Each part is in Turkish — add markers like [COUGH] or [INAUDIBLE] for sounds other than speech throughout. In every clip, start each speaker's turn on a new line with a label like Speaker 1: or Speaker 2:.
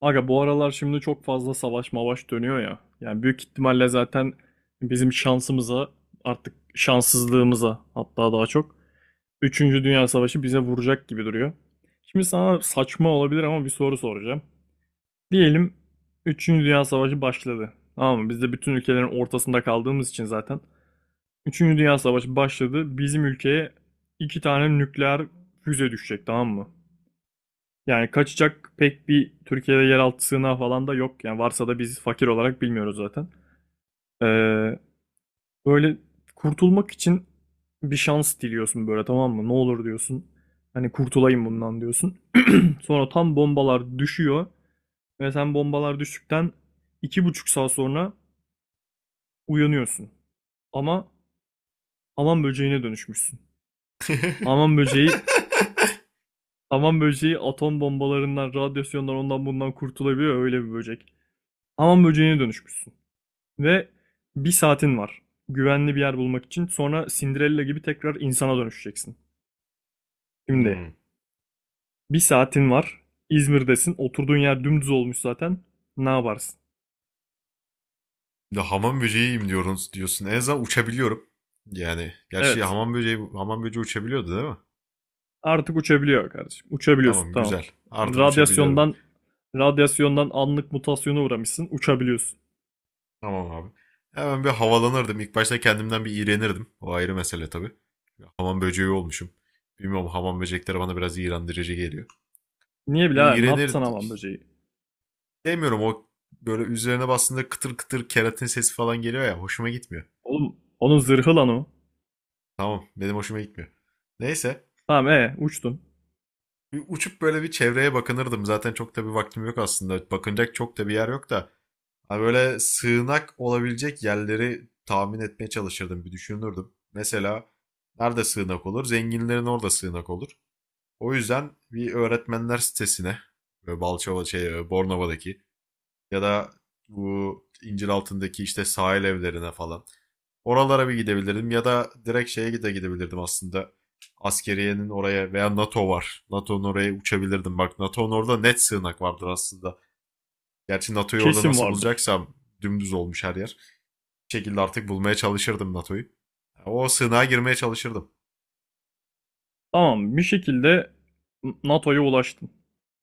Speaker 1: Aga bu aralar şimdi çok fazla savaş mavaş dönüyor ya. Yani büyük ihtimalle zaten bizim şansımıza artık şanssızlığımıza hatta daha çok üçüncü Dünya Savaşı bize vuracak gibi duruyor. Şimdi sana saçma olabilir ama bir soru soracağım. Diyelim üçüncü Dünya Savaşı başladı. Tamam mı? Biz de bütün ülkelerin ortasında kaldığımız için zaten. Üçüncü Dünya Savaşı başladı. Bizim ülkeye iki tane nükleer füze düşecek tamam mı? Yani kaçacak pek bir Türkiye'de yeraltı sığınağı falan da yok. Yani varsa da biz fakir olarak bilmiyoruz zaten. Ee, böyle kurtulmak için bir şans diliyorsun böyle tamam mı? Ne olur diyorsun. Hani kurtulayım bundan diyorsun. [CLEARS THROAT] Sonra tam bombalar düşüyor ve sen bombalar düştükten 2,5 saat sonra uyanıyorsun. Ama aman böceğine dönüşmüşsün. Aman
Speaker 2: [LAUGHS]
Speaker 1: böceği, aman böceği atom bombalarından, radyasyondan ondan bundan kurtulabiliyor öyle bir böcek. Aman böceğine dönüşmüşsün. Ve bir saatin var. Güvenli bir yer bulmak için. Sonra Cinderella gibi tekrar insana dönüşeceksin. Şimdi
Speaker 2: Hmm.
Speaker 1: bir saatin var. İzmir'desin. Oturduğun yer dümdüz olmuş zaten. Ne yaparsın?
Speaker 2: Bir de hamam böceğiyim diyorsun. En azından uçabiliyorum. Yani gerçi
Speaker 1: Evet.
Speaker 2: hamam böceği uçabiliyordu, değil mi?
Speaker 1: Artık uçabiliyor kardeşim. Uçabiliyorsun
Speaker 2: Tamam,
Speaker 1: tamam.
Speaker 2: güzel.
Speaker 1: Yani
Speaker 2: Artık uçabiliyorum.
Speaker 1: radyasyondan anlık mutasyona uğramışsın. Uçabiliyorsun.
Speaker 2: Tamam abi. Hemen bir havalanırdım. İlk başta kendimden bir iğrenirdim. O ayrı mesele tabii. Hamam böceği olmuşum. Bilmiyorum, hamam böcekleri bana biraz iğrendirici geliyor.
Speaker 1: Niye
Speaker 2: Bir
Speaker 1: birader? Ne
Speaker 2: iğrenir
Speaker 1: yaptın aman böceği?
Speaker 2: demiyorum, o böyle üzerine bastığında kıtır kıtır keratin sesi falan geliyor ya, hoşuma gitmiyor.
Speaker 1: Oğlum onun zırhı lan o.
Speaker 2: Tamam, benim hoşuma gitmiyor. Neyse,
Speaker 1: Tamam uçtun.
Speaker 2: bir uçup böyle bir çevreye bakınırdım. Zaten çok da bir vaktim yok aslında. Bakınacak çok da bir yer yok da. Ha, böyle sığınak olabilecek yerleri tahmin etmeye çalışırdım. Bir düşünürdüm. Mesela nerede sığınak olur? Zenginlerin orada sığınak olur. O yüzden bir öğretmenler sitesine, böyle Balçova şey, Bornova'daki ya da bu İnciraltı'ndaki işte sahil evlerine falan. Oralara bir gidebilirdim ya da direkt şeye de gidebilirdim aslında. Askeriyenin oraya, veya NATO var. NATO'nun oraya uçabilirdim. Bak, NATO'nun orada net sığınak vardır aslında. Gerçi NATO'yu orada
Speaker 1: Kesin
Speaker 2: nasıl
Speaker 1: vardır.
Speaker 2: bulacaksam, dümdüz olmuş her yer. Bir şekilde artık bulmaya çalışırdım NATO'yu. O sığınağa girmeye çalışırdım.
Speaker 1: Tamam bir şekilde NATO'ya ulaştım.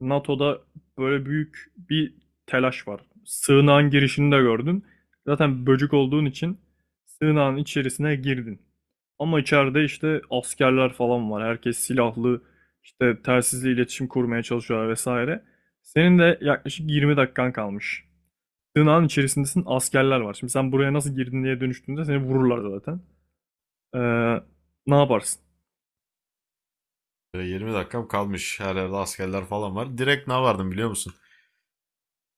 Speaker 1: NATO'da böyle büyük bir telaş var. Sığınağın girişini de gördün. Zaten böcük olduğun için sığınağın içerisine girdin. Ama içeride işte askerler falan var. Herkes silahlı, işte telsizle iletişim kurmaya çalışıyorlar vesaire. Senin de yaklaşık 20 dakikan kalmış. Sığınağın içerisindesin, askerler var. Şimdi sen buraya nasıl girdin diye dönüştüğünde seni vururlar zaten. Ee, ne yaparsın?
Speaker 2: Böyle 20 dakikam kalmış. Her yerde askerler falan var. Direkt ne vardım biliyor musun?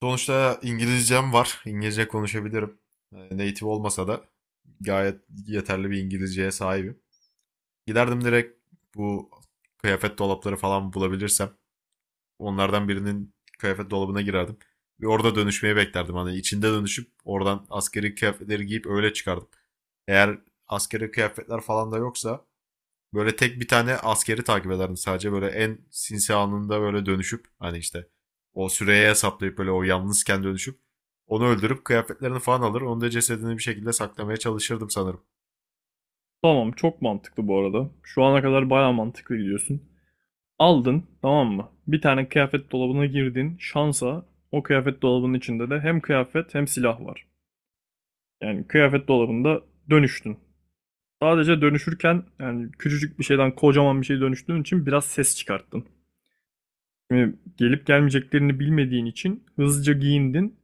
Speaker 2: Sonuçta İngilizcem var. İngilizce konuşabilirim. Native olmasa da gayet yeterli bir İngilizceye sahibim. Giderdim direkt, bu kıyafet dolapları falan bulabilirsem onlardan birinin kıyafet dolabına girerdim. Ve orada dönüşmeyi beklerdim. Hani içinde dönüşüp oradan askeri kıyafetleri giyip öyle çıkardım. Eğer askeri kıyafetler falan da yoksa böyle tek bir tane askeri takip ederdim sadece. Böyle en sinsi anında böyle dönüşüp, hani işte o süreye hesaplayıp, böyle o yalnızken dönüşüp onu öldürüp kıyafetlerini falan alır. Onu da, cesedini bir şekilde saklamaya çalışırdım sanırım.
Speaker 1: Tamam çok mantıklı bu arada. Şu ana kadar baya mantıklı gidiyorsun. Aldın tamam mı? Bir tane kıyafet dolabına girdin. Şansa o kıyafet dolabının içinde de hem kıyafet hem silah var. Yani kıyafet dolabında dönüştün. Sadece dönüşürken yani küçücük bir şeyden kocaman bir şey dönüştüğün için biraz ses çıkarttın. Şimdi gelip gelmeyeceklerini bilmediğin için hızlıca giyindin.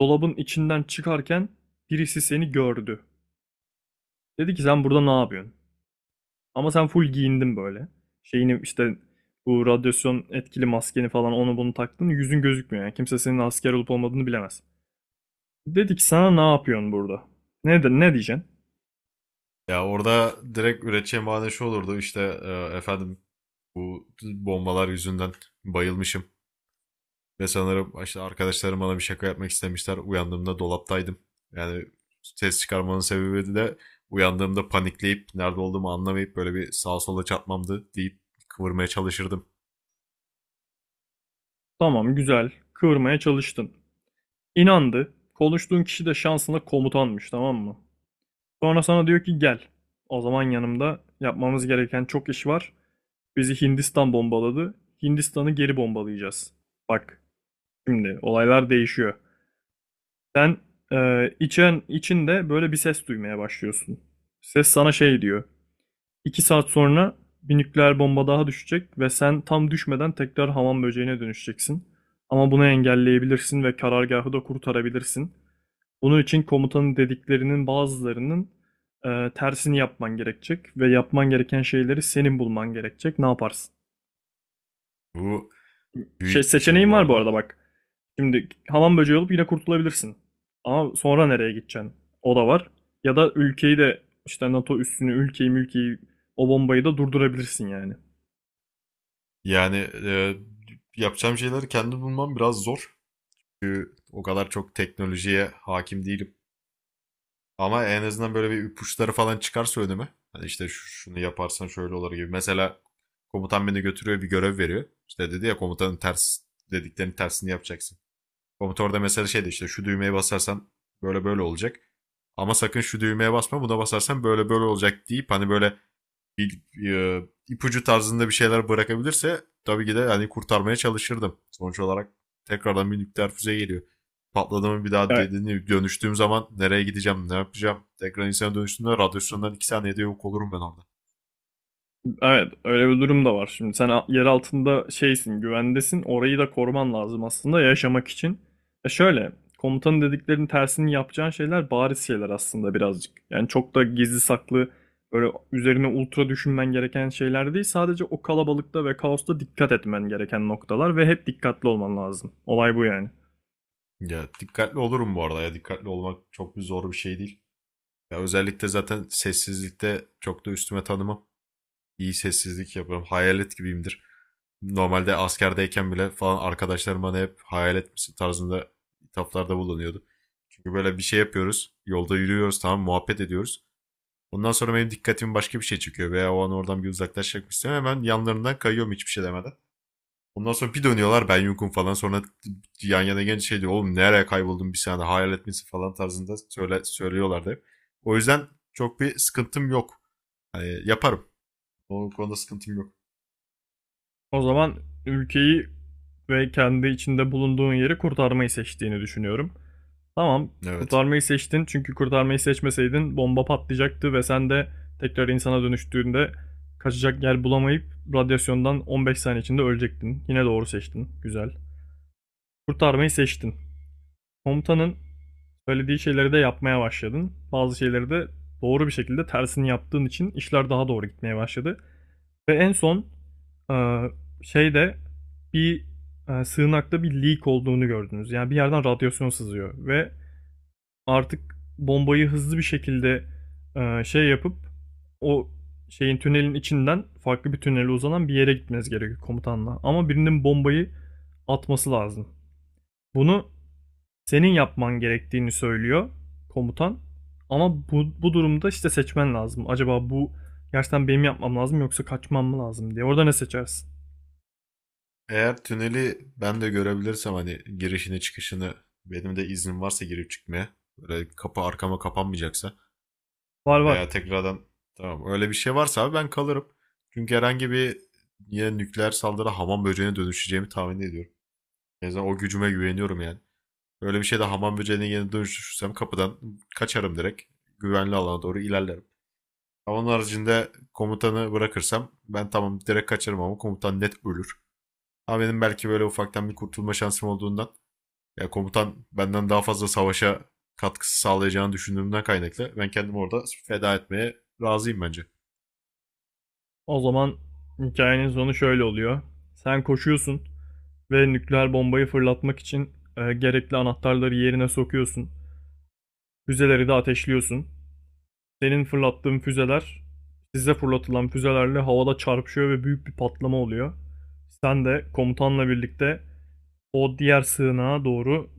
Speaker 1: Dolabın içinden çıkarken birisi seni gördü. Dedi ki sen burada ne yapıyorsun? Ama sen full giyindin böyle. Şeyini işte bu radyasyon etkili maskeni falan onu bunu taktın. Yüzün gözükmüyor yani. Kimse senin asker olup olmadığını bilemez. Dedik sana ne yapıyorsun burada? Ne, de, ne diyeceksin?
Speaker 2: Ya orada direkt üreteceğim bahane şu olurdu işte, efendim bu bombalar yüzünden bayılmışım. Ve sanırım işte arkadaşlarım bana bir şaka yapmak istemişler. Uyandığımda dolaptaydım. Yani ses çıkarmanın sebebi de uyandığımda panikleyip nerede olduğumu anlamayıp böyle bir sağa sola çarpmamdı deyip kıvırmaya çalışırdım.
Speaker 1: Tamam güzel. Kıvırmaya çalıştın. İnandı. Konuştuğun kişi de şansına komutanmış tamam mı? Sonra sana diyor ki gel. O zaman yanımda yapmamız gereken çok iş var. Bizi Hindistan bombaladı. Hindistan'ı geri bombalayacağız. Bak şimdi olaylar değişiyor. Sen e, içen içinde böyle bir ses duymaya başlıyorsun. Ses sana şey diyor. 2 saat sonra bir nükleer bomba daha düşecek ve sen tam düşmeden tekrar hamam böceğine dönüşeceksin. Ama bunu engelleyebilirsin ve karargahı da kurtarabilirsin. Bunun için komutanın dediklerinin bazılarının tersini yapman gerekecek ve yapman gereken şeyleri senin bulman gerekecek. Ne yaparsın?
Speaker 2: Bu
Speaker 1: Şey,
Speaker 2: büyük bir şey
Speaker 1: seçeneğin
Speaker 2: bu
Speaker 1: var bu
Speaker 2: arada.
Speaker 1: arada bak. Şimdi hamam böceği olup yine kurtulabilirsin. Ama sonra nereye gideceksin? O da var. Ya da ülkeyi de işte NATO üssünü, ülkeyi mülkeyi o bombayı da durdurabilirsin yani.
Speaker 2: Yani e, yapacağım şeyleri kendim bulmam biraz zor. Çünkü o kadar çok teknolojiye hakim değilim. Ama en azından böyle bir ipuçları falan çıkarsa önüme. Hani işte şunu yaparsan şöyle olur gibi. Mesela komutan beni götürüyor, bir görev veriyor. İşte dedi ya, komutanın dediklerinin tersini yapacaksın. Komutan orada mesela şeydi, işte şu düğmeye basarsan böyle böyle olacak. Ama sakın şu düğmeye basma, buna basarsan böyle böyle olacak deyip, hani böyle bir e, ipucu tarzında bir şeyler bırakabilirse tabii ki de hani kurtarmaya çalışırdım. Sonuç olarak tekrardan bir nükleer füze geliyor. Patladı mı, bir daha
Speaker 1: Ya,
Speaker 2: dediğini dönüştüğüm zaman nereye gideceğim, ne yapacağım? Tekrar insana dönüştüğümde radyasyondan 2 saniyede yok olurum ben orada.
Speaker 1: evet, öyle bir durum da var. Şimdi sen yer altında şeysin, güvendesin. Orayı da koruman lazım aslında yaşamak için. E şöyle, komutanın dediklerinin tersini yapacağın şeyler bariz şeyler aslında birazcık. Yani çok da gizli saklı, böyle üzerine ultra düşünmen gereken şeyler değil. Sadece o kalabalıkta ve kaosta dikkat etmen gereken noktalar ve hep dikkatli olman lazım. Olay bu yani.
Speaker 2: Ya dikkatli olurum bu arada, ya dikkatli olmak çok bir zor bir şey değil. Ya özellikle zaten sessizlikte çok da üstüme tanımam. İyi sessizlik yapıyorum. Hayalet gibiyimdir. Normalde askerdeyken bile falan arkadaşlarım bana hep hayalet misin tarzında hitaplarda bulunuyordu. Çünkü böyle bir şey yapıyoruz. Yolda yürüyoruz, tamam, muhabbet ediyoruz. Ondan sonra benim dikkatimi başka bir şey çekiyor veya o an oradan bir uzaklaşmak istiyorum. Hemen yanlarından kayıyorum hiçbir şey demeden. Ondan sonra bir dönüyorlar, ben yokum falan. Sonra yan yana genç şey diyor. Oğlum nereye kayboldun bir saniye, hayalet misin falan tarzında söylüyorlardı hep. O yüzden çok bir sıkıntım yok. Hani yaparım. O konuda sıkıntım yok.
Speaker 1: O zaman ülkeyi ve kendi içinde bulunduğun yeri kurtarmayı seçtiğini düşünüyorum. Tamam,
Speaker 2: Evet.
Speaker 1: kurtarmayı seçtin çünkü kurtarmayı seçmeseydin bomba patlayacaktı ve sen de tekrar insana dönüştüğünde kaçacak yer bulamayıp radyasyondan 15 saniye içinde ölecektin. Yine doğru seçtin. Güzel. Kurtarmayı seçtin. Komutanın söylediği şeyleri de yapmaya başladın. Bazı şeyleri de doğru bir şekilde tersini yaptığın için işler daha doğru gitmeye başladı. Ve en son e, şeyde bir sığınakta bir leak olduğunu gördünüz. Yani bir yerden radyasyon sızıyor ve artık bombayı hızlı bir şekilde şey yapıp o şeyin tünelin içinden farklı bir tünele uzanan bir yere gitmeniz gerekiyor komutanla. Ama birinin bombayı atması lazım. Bunu senin yapman gerektiğini söylüyor komutan. Ama bu durumda işte seçmen lazım. Acaba bu gerçekten benim yapmam lazım yoksa kaçmam mı lazım diye. Orada ne seçersin?
Speaker 2: Eğer tüneli ben de görebilirsem, hani girişini çıkışını, benim de iznim varsa girip çıkmaya, böyle kapı arkama kapanmayacaksa
Speaker 1: Var
Speaker 2: veya
Speaker 1: var.
Speaker 2: tekrardan, tamam, öyle bir şey varsa abi ben kalırım. Çünkü herhangi bir yine nükleer saldırı hamam böceğine dönüşeceğimi tahmin ediyorum. En azından o gücüme güveniyorum yani. Öyle bir şeyde hamam böceğine yine dönüşürsem kapıdan kaçarım direkt. Güvenli alana doğru ilerlerim. Ama onun haricinde komutanı bırakırsam ben, tamam, direkt kaçarım, ama komutan net ölür. Ama benim belki böyle ufaktan bir kurtulma şansım olduğundan. Ya komutan benden daha fazla savaşa katkısı sağlayacağını düşündüğümden kaynaklı. Ben kendimi orada feda etmeye razıyım bence.
Speaker 1: O zaman hikayenin sonu şöyle oluyor. Sen koşuyorsun ve nükleer bombayı fırlatmak için gerekli anahtarları yerine sokuyorsun. Füzeleri de ateşliyorsun. Senin fırlattığın füzeler size fırlatılan füzelerle havada çarpışıyor ve büyük bir patlama oluyor. Sen de komutanla birlikte o diğer sığınağa doğru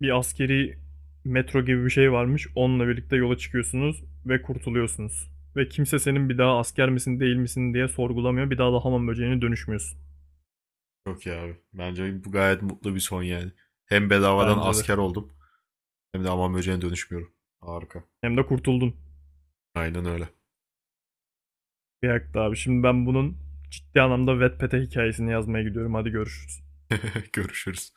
Speaker 1: bir askeri metro gibi bir şey varmış. Onunla birlikte yola çıkıyorsunuz ve kurtuluyorsunuz. Ve kimse senin bir daha asker misin değil misin diye sorgulamıyor. Bir daha da hamam böceğine dönüşmüyorsun.
Speaker 2: Çok iyi abi. Bence bu gayet mutlu bir son yani. Hem bedavadan
Speaker 1: Bence de.
Speaker 2: asker oldum, hem de aman böceğine dönüşmüyorum. Harika.
Speaker 1: Hem de kurtuldun.
Speaker 2: Aynen öyle.
Speaker 1: Bir dakika abi. Şimdi ben bunun ciddi anlamda Wattpad'e hikayesini yazmaya gidiyorum. Hadi görüşürüz.
Speaker 2: [LAUGHS] Görüşürüz.